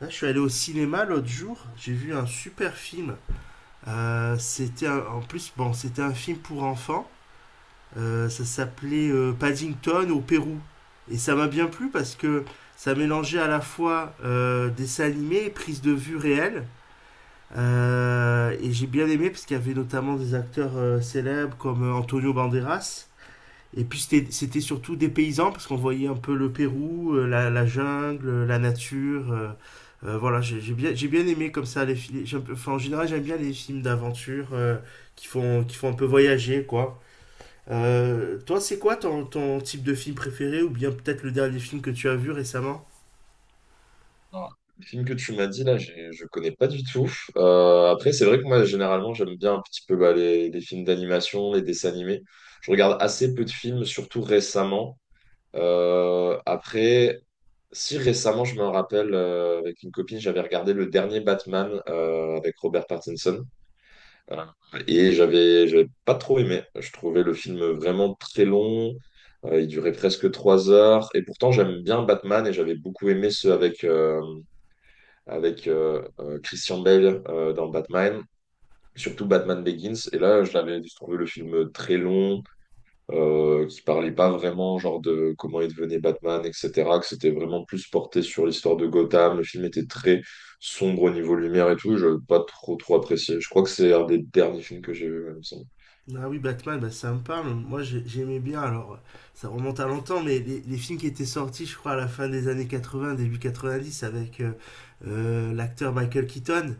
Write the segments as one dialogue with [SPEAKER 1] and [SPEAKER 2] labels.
[SPEAKER 1] Là, je suis allé au cinéma l'autre jour, j'ai vu un super film. En plus, bon, c'était un film pour enfants. Ça s'appelait Paddington au Pérou. Et ça m'a bien plu parce que ça mélangeait à la fois dessin animé et prise de vue réelle. Et j'ai bien aimé parce qu'il y avait notamment des acteurs célèbres comme Antonio Banderas. Et puis c'était surtout des paysans parce qu'on voyait un peu le Pérou, la jungle, la nature. Voilà, j'ai bien aimé comme ça les films. Enfin, en général, j'aime bien les films d'aventure qui font un peu voyager, quoi. Toi, c'est quoi ton type de film préféré ou bien peut-être le dernier film que tu as vu récemment?
[SPEAKER 2] Non, le film que tu m'as dit là, je connais pas du tout. Après, c'est vrai que moi, généralement, j'aime bien un petit peu bah, les films d'animation, les dessins animés. Je regarde assez peu de films, surtout récemment. Après, si récemment, je me rappelle, avec une copine, j'avais regardé le dernier Batman avec Robert Pattinson. Euh, et j'avais pas trop aimé. Je trouvais le film vraiment très long. Il durait presque 3 heures. Et pourtant, j'aime bien Batman et j'avais beaucoup aimé ceux avec Christian Bale dans Batman, surtout Batman Begins. Et là, je l'avais trouvé le film très long, qui parlait pas vraiment genre de comment il devenait Batman, etc. Que c'était vraiment plus porté sur l'histoire de Gotham. Le film était très sombre au niveau lumière et tout. Je n'ai pas trop trop apprécié. Je crois que c'est un des derniers films que j'ai vu, il me semble.
[SPEAKER 1] Ah oui, Batman, bah, ça me parle. Moi, j'aimais bien. Alors, ça remonte à longtemps, mais les films qui étaient sortis, je crois, à la fin des années 80, début 90, avec l'acteur Michael Keaton.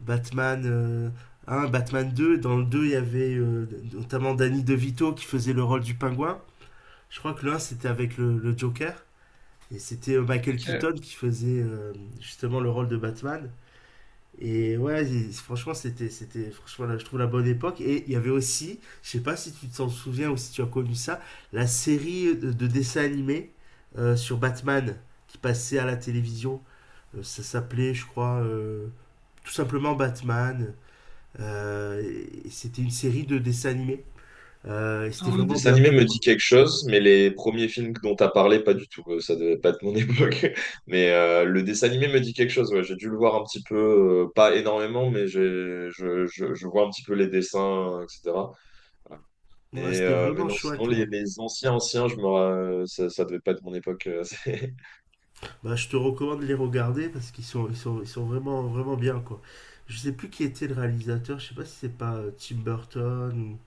[SPEAKER 1] Batman 1, Batman deux. Dans le 2 il y avait notamment Danny DeVito qui faisait le rôle du pingouin. Je crois que l'un, c'était avec le Joker. Et c'était Michael
[SPEAKER 2] Ok.
[SPEAKER 1] Keaton qui faisait justement le rôle de Batman. Et ouais, franchement, franchement, là, je trouve la bonne époque. Et il y avait aussi, je sais pas si tu t'en souviens ou si tu as connu ça, la série de dessins animés sur Batman qui passait à la télévision. Ça s'appelait, je crois, tout simplement Batman. Euh, et c'était une série de dessins animés. Et c'était
[SPEAKER 2] Alors, le
[SPEAKER 1] vraiment
[SPEAKER 2] dessin
[SPEAKER 1] bien
[SPEAKER 2] animé
[SPEAKER 1] fait,
[SPEAKER 2] me dit
[SPEAKER 1] quoi.
[SPEAKER 2] quelque chose, mais les premiers films dont tu as parlé, pas du tout. Ça devait pas être mon époque. Mais le dessin animé me dit quelque chose. Ouais, j'ai dû le voir un petit peu, pas énormément, mais je vois un petit peu les dessins, etc.
[SPEAKER 1] Ouais,
[SPEAKER 2] Mais,
[SPEAKER 1] c'était
[SPEAKER 2] euh, mais
[SPEAKER 1] vraiment
[SPEAKER 2] non, sinon,
[SPEAKER 1] chouette.
[SPEAKER 2] les anciens, ça devait pas être mon époque.
[SPEAKER 1] Bah, je te recommande de les regarder parce qu'ils sont vraiment, vraiment bien, quoi. Je sais plus qui était le réalisateur, je sais pas si c'est pas Tim Burton ou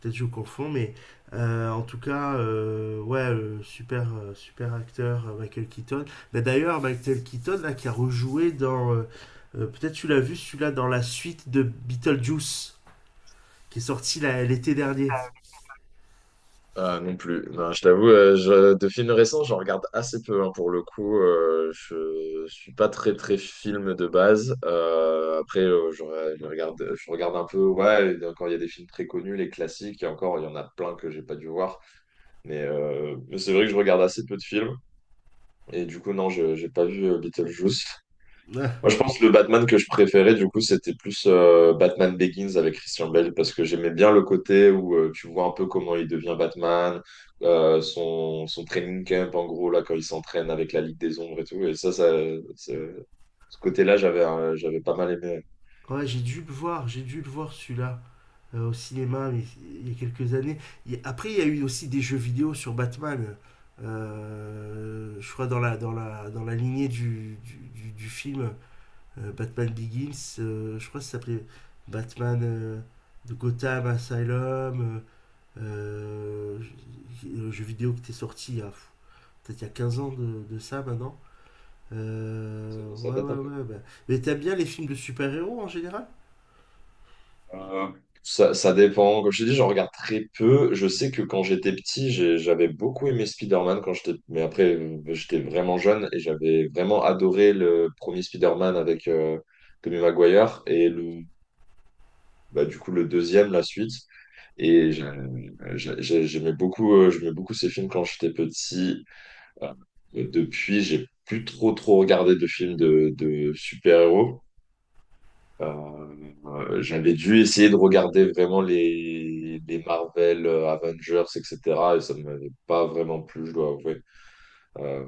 [SPEAKER 1] peut-être je confonds, mais en tout cas, ouais, super, super acteur Michael Keaton. Mais d'ailleurs, Michael Keaton là, qui a rejoué dans, peut-être tu l'as vu celui-là dans la suite de Beetlejuice qui est sorti là, l'été dernier.
[SPEAKER 2] Ah, non plus. Non, je t'avoue, de films récents, j'en regarde assez peu, hein, pour le coup. Je suis pas très très film de base. Après, je regarde un peu. Ouais, et encore il y a des films très connus, les classiques. Et encore, il y en a plein que j'ai pas dû voir. Mais c'est vrai que je regarde assez peu de films. Et du coup, non, je j'ai pas vu Beetlejuice. Moi, je pense que le Batman que je préférais, du coup, c'était plus Batman Begins avec Christian Bale, parce que j'aimais bien le côté où tu vois un peu comment il devient Batman, son training camp, en gros, là, quand il s'entraîne avec la Ligue des Ombres et tout. Et ça, ce ce côté-là, j'avais pas mal aimé.
[SPEAKER 1] Ouais, j'ai dû le voir celui-là au cinéma mais il y a quelques années. Après, il y a eu aussi des jeux vidéo sur Batman. Je crois dans la lignée du film Batman Begins, je crois que ça s'appelait Batman de Gotham Asylum, le jeu vidéo qui était sorti il y a pff, peut-être il y a 15 ans de ça maintenant.
[SPEAKER 2] Ça, ça
[SPEAKER 1] Ouais,
[SPEAKER 2] date
[SPEAKER 1] ouais,
[SPEAKER 2] un peu.
[SPEAKER 1] ouais. Bah. Mais t'aimes bien les films de super-héros en général?
[SPEAKER 2] Euh, ça dépend. Comme je t'ai dit, j'en regarde très peu. Je sais que quand j'étais petit, j'avais beaucoup aimé Spider-Man quand j'étais, mais après, j'étais vraiment jeune et j'avais vraiment adoré le premier Spider-Man avec Tobey Maguire et bah, du coup, le deuxième, la suite. Et j'aimais beaucoup ces films quand j'étais petit. Euh, Depuis, j'ai plus trop trop regardé de films de super-héros. Euh, J'avais dû essayer de regarder vraiment les Marvel, Avengers, etc. Et ça ne m'avait pas vraiment plu, je dois avouer. Euh,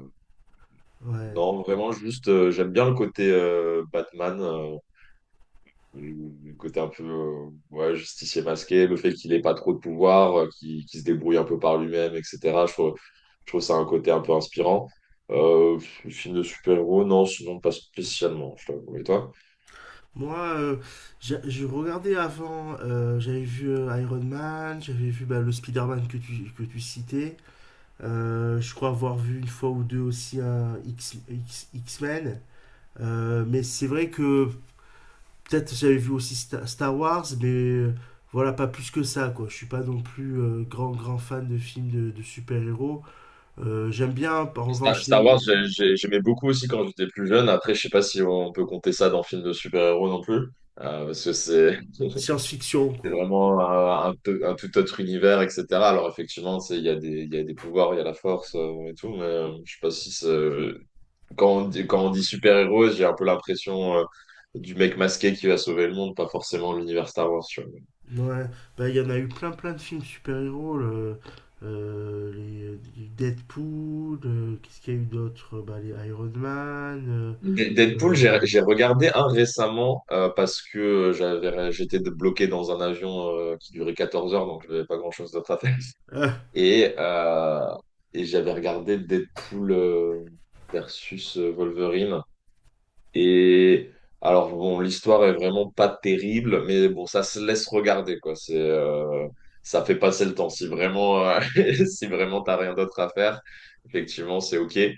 [SPEAKER 1] Ouais.
[SPEAKER 2] non, vraiment, juste, j'aime bien le côté Batman, le côté un peu ouais, justicier masqué, le fait qu'il n'ait pas trop de pouvoir, qu'il se débrouille un peu par lui-même, etc. Je trouve, je trouve ça un côté un peu inspirant. Euh, film de super-héros, non, sinon pas spécialement, je t'avoue. Et toi?
[SPEAKER 1] Moi, j'ai regardé avant, j'avais vu Iron Man, j'avais vu bah, le Spider-Man que tu citais. Je crois avoir vu une fois ou deux aussi un X-Men. Mais c'est vrai que peut-être j'avais vu aussi Star Wars, mais voilà, pas plus que ça, quoi. Je suis pas non plus grand, grand fan de films de super-héros. J'aime bien, en
[SPEAKER 2] Star,
[SPEAKER 1] revanche,
[SPEAKER 2] Star
[SPEAKER 1] les
[SPEAKER 2] Wars, j'aimais beaucoup aussi quand j'étais plus jeune. Après, je sais pas si on peut compter ça dans film de super-héros non plus, parce que c'est
[SPEAKER 1] science-fiction,
[SPEAKER 2] c'est
[SPEAKER 1] quoi.
[SPEAKER 2] vraiment un tout autre univers, etc. Alors effectivement, il y a des pouvoirs, il y a la force et tout, mais je sais pas si c'est. Quand on dit super-héros, j'ai un peu l'impression du mec masqué qui va sauver le monde, pas forcément l'univers Star Wars.
[SPEAKER 1] Ouais, bah il y en a eu plein plein de films super-héros, les Deadpool, qu'est-ce qu'il y a eu d'autre? Bah les Iron Man,
[SPEAKER 2] Deadpool, j'ai
[SPEAKER 1] euh,
[SPEAKER 2] j'ai regardé un récemment parce que j'étais bloqué dans un avion qui durait 14 heures, donc je n'avais pas grand-chose d'autre à faire.
[SPEAKER 1] euh, ah,
[SPEAKER 2] Et, euh, et j'avais regardé Deadpool versus Wolverine. Et alors, bon, l'histoire est vraiment pas terrible, mais bon, ça se laisse regarder, quoi. Ça fait passer le temps. Si vraiment, si vraiment t'as rien d'autre à faire, effectivement, c'est OK. Et,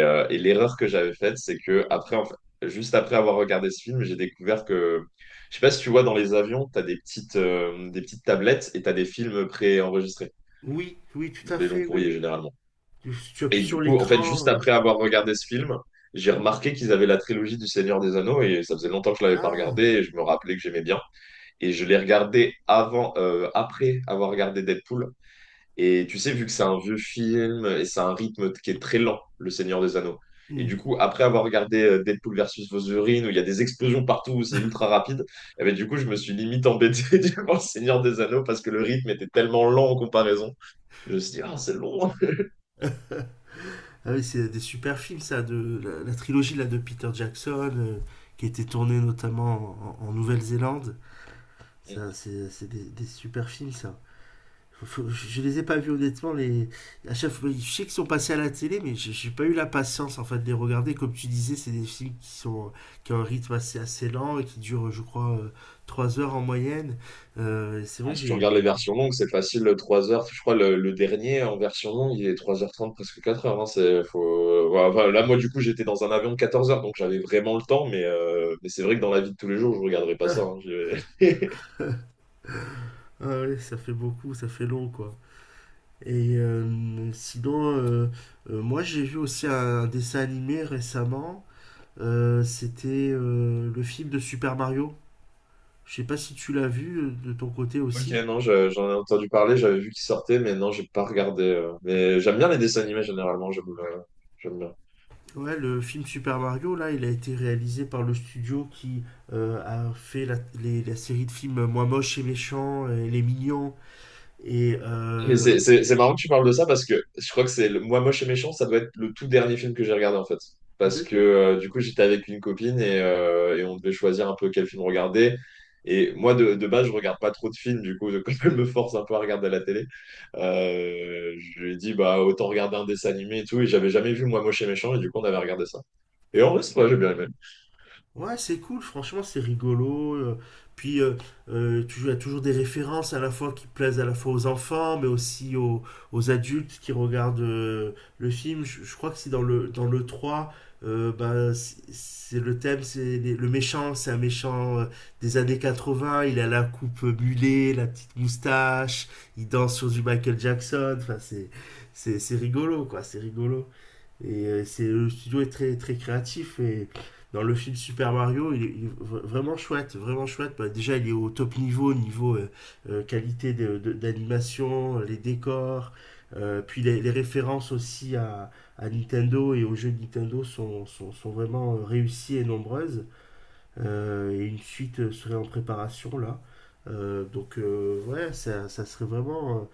[SPEAKER 2] euh, et l'erreur que j'avais faite, c'est que après, en fait, juste après avoir regardé ce film, j'ai découvert que, je sais pas si tu vois, dans les avions, t'as des petites tablettes et t'as des films préenregistrés
[SPEAKER 1] oui, oui, tout
[SPEAKER 2] dans
[SPEAKER 1] à
[SPEAKER 2] les longs
[SPEAKER 1] fait, oui,
[SPEAKER 2] courriers,
[SPEAKER 1] oui.
[SPEAKER 2] généralement.
[SPEAKER 1] Tu appuies
[SPEAKER 2] Et
[SPEAKER 1] sur
[SPEAKER 2] du coup, en fait, juste
[SPEAKER 1] l'écran.
[SPEAKER 2] après avoir regardé ce film, j'ai
[SPEAKER 1] Hmm.
[SPEAKER 2] remarqué qu'ils avaient la trilogie du Seigneur des Anneaux et ça faisait longtemps que je l'avais pas regardé
[SPEAKER 1] Ah,
[SPEAKER 2] et je me rappelais que j'aimais bien. Et je l'ai regardé avant, après avoir regardé Deadpool. Et tu sais, vu que c'est un vieux film et c'est un rythme qui est très lent, le Seigneur des Anneaux. Et du
[SPEAKER 1] hmm.
[SPEAKER 2] coup, après avoir regardé Deadpool versus Wolverine, où il y a des explosions partout, où c'est ultra rapide, eh ben, du coup, je me suis limite embêté devant le Seigneur des Anneaux parce que le rythme était tellement lent en comparaison, que je me suis dit, ah, c'est long.
[SPEAKER 1] Ah oui, c'est des super films ça, de la trilogie là de Peter Jackson, qui était tournée notamment en Nouvelle-Zélande. Ça, c'est des super films ça. Je les ai pas vus honnêtement. Les... À chaque fois, je sais qu'ils sont passés à la télé, mais j'ai pas eu la patience en fait de les regarder. Comme tu disais, c'est des films qui ont un rythme assez, assez lent et qui durent, je crois, trois heures en moyenne. C'est vrai
[SPEAKER 2] Ah,
[SPEAKER 1] que
[SPEAKER 2] si tu regardes les versions longues, c'est facile, le 3 heures. Je crois le dernier en version longue, il est 3h30 presque 4 heures, hein. Voilà, enfin, là, moi, du coup, j'étais dans un avion de 14 heures, donc j'avais vraiment le temps. Mais, c'est vrai que dans la vie de tous les jours, je ne regarderai pas ça,
[SPEAKER 1] ah,
[SPEAKER 2] hein.
[SPEAKER 1] ah ouais, ça fait beaucoup, ça fait long quoi. Et sinon, moi j'ai vu aussi un dessin animé récemment. C'était le film de Super Mario. Je sais pas si tu l'as vu de ton côté
[SPEAKER 2] Ok,
[SPEAKER 1] aussi.
[SPEAKER 2] non, j'en ai entendu parler, j'avais vu qu'il sortait, mais non, j'ai pas regardé. Mais j'aime bien les dessins animés généralement. J'aime bien.
[SPEAKER 1] Ouais, le film Super Mario, là, il a été réalisé par le studio qui a fait la série de films Moi moche et méchant et Les mignons et
[SPEAKER 2] Mais c'est c'est marrant que tu parles de ça parce que je crois que c'est le, moi moche et méchant, ça doit être le tout dernier film que j'ai regardé en fait. Parce
[SPEAKER 1] ok.
[SPEAKER 2] que du coup j'étais avec une copine et on devait choisir un peu quel film regarder. Et moi de base je regarde pas trop de films du coup quand elle me force un peu à regarder à la télé, je lui ai dit bah autant regarder un dessin animé et tout et j'avais jamais vu moi moche et méchant et du coup on avait regardé ça. Et en vrai c'est vrai j'ai bien aimé.
[SPEAKER 1] Ouais, c'est cool, franchement, c'est rigolo. Puis, as toujours des références à la fois qui plaisent à la fois aux enfants, mais aussi aux adultes qui regardent le film. Je crois que c'est dans le 3. Bah, c'est le thème, c'est le méchant, c'est un méchant des années 80. Il a la coupe mulet, la petite moustache, il danse sur du Michael Jackson. Enfin, c'est rigolo, quoi, c'est rigolo. Et c'est le studio est très très créatif et dans le film Super Mario, il est vraiment chouette, vraiment chouette. Bah, déjà, il est au top niveau, niveau qualité d'animation, les décors, puis références aussi Nintendo et aux jeux de Nintendo sont vraiment réussies et nombreuses. Et une suite serait en préparation là. Donc ouais, ça serait vraiment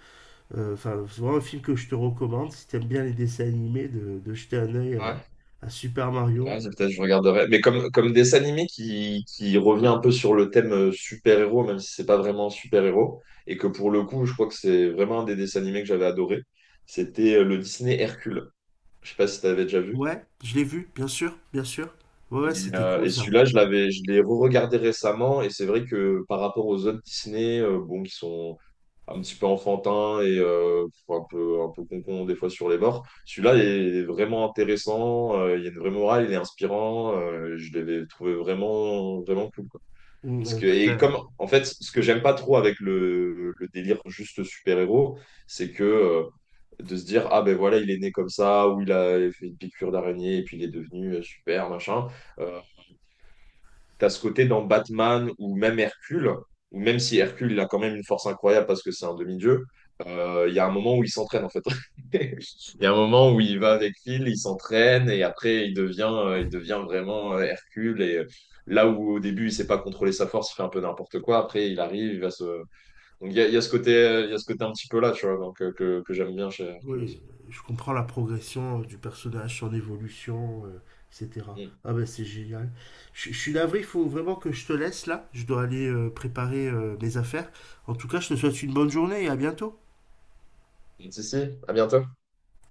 [SPEAKER 1] enfin, c'est vraiment un film que je te recommande si t'aimes bien les dessins animés, de jeter un œil à Super Mario.
[SPEAKER 2] Ouais, c'est peut-être, je regarderai. Mais comme dessin animé qui revient un peu sur le thème super-héros, même si c'est pas vraiment un super-héros, et que pour le coup, je crois que c'est vraiment un des dessins animés que j'avais adoré, c'était le Disney Hercule. Je sais pas si tu avais déjà vu.
[SPEAKER 1] Ouais, je l'ai vu, bien sûr, bien sûr. Ouais, ouais,
[SPEAKER 2] Et,
[SPEAKER 1] c'était
[SPEAKER 2] euh,
[SPEAKER 1] cool
[SPEAKER 2] et
[SPEAKER 1] ça.
[SPEAKER 2] celui-là, je l'ai re-regardé récemment, et c'est vrai que par rapport aux autres Disney, bon, qui sont un petit peu enfantins et un peu concons des fois sur les bords, celui-là est vraiment intéressant, il y a une vraie morale, il est inspirant, je l'avais trouvé vraiment, vraiment cool, quoi.
[SPEAKER 1] Mm,
[SPEAKER 2] Parce que, et comme, en fait, ce que j'aime pas trop avec le délire juste super-héros, c'est que de se dire, ah ben voilà, il est né comme ça, ou il a fait une piqûre d'araignée, et puis il est devenu super, machin. euh, T'as ce côté dans Batman ou même Hercule, ou même si Hercule, il a quand même une force incroyable parce que c'est un demi-dieu, il y a un moment où il s'entraîne en fait. Il y a un moment où il va avec Phil, il s'entraîne et après il devient vraiment Hercule. Et là où au début il sait pas contrôler sa force, il fait un peu n'importe quoi, après il arrive, il va se. Donc il y a ce côté un petit peu là, tu vois, donc, que j'aime bien chez Hercule
[SPEAKER 1] oui,
[SPEAKER 2] aussi.
[SPEAKER 1] je comprends la progression du personnage, son évolution, etc.
[SPEAKER 2] Mm.
[SPEAKER 1] Ah ben c'est génial. Je suis navré, il faut vraiment que je te laisse là. Je dois aller préparer mes affaires. En tout cas, je te souhaite une bonne journée et à bientôt.
[SPEAKER 2] Mm, si, si, à bientôt.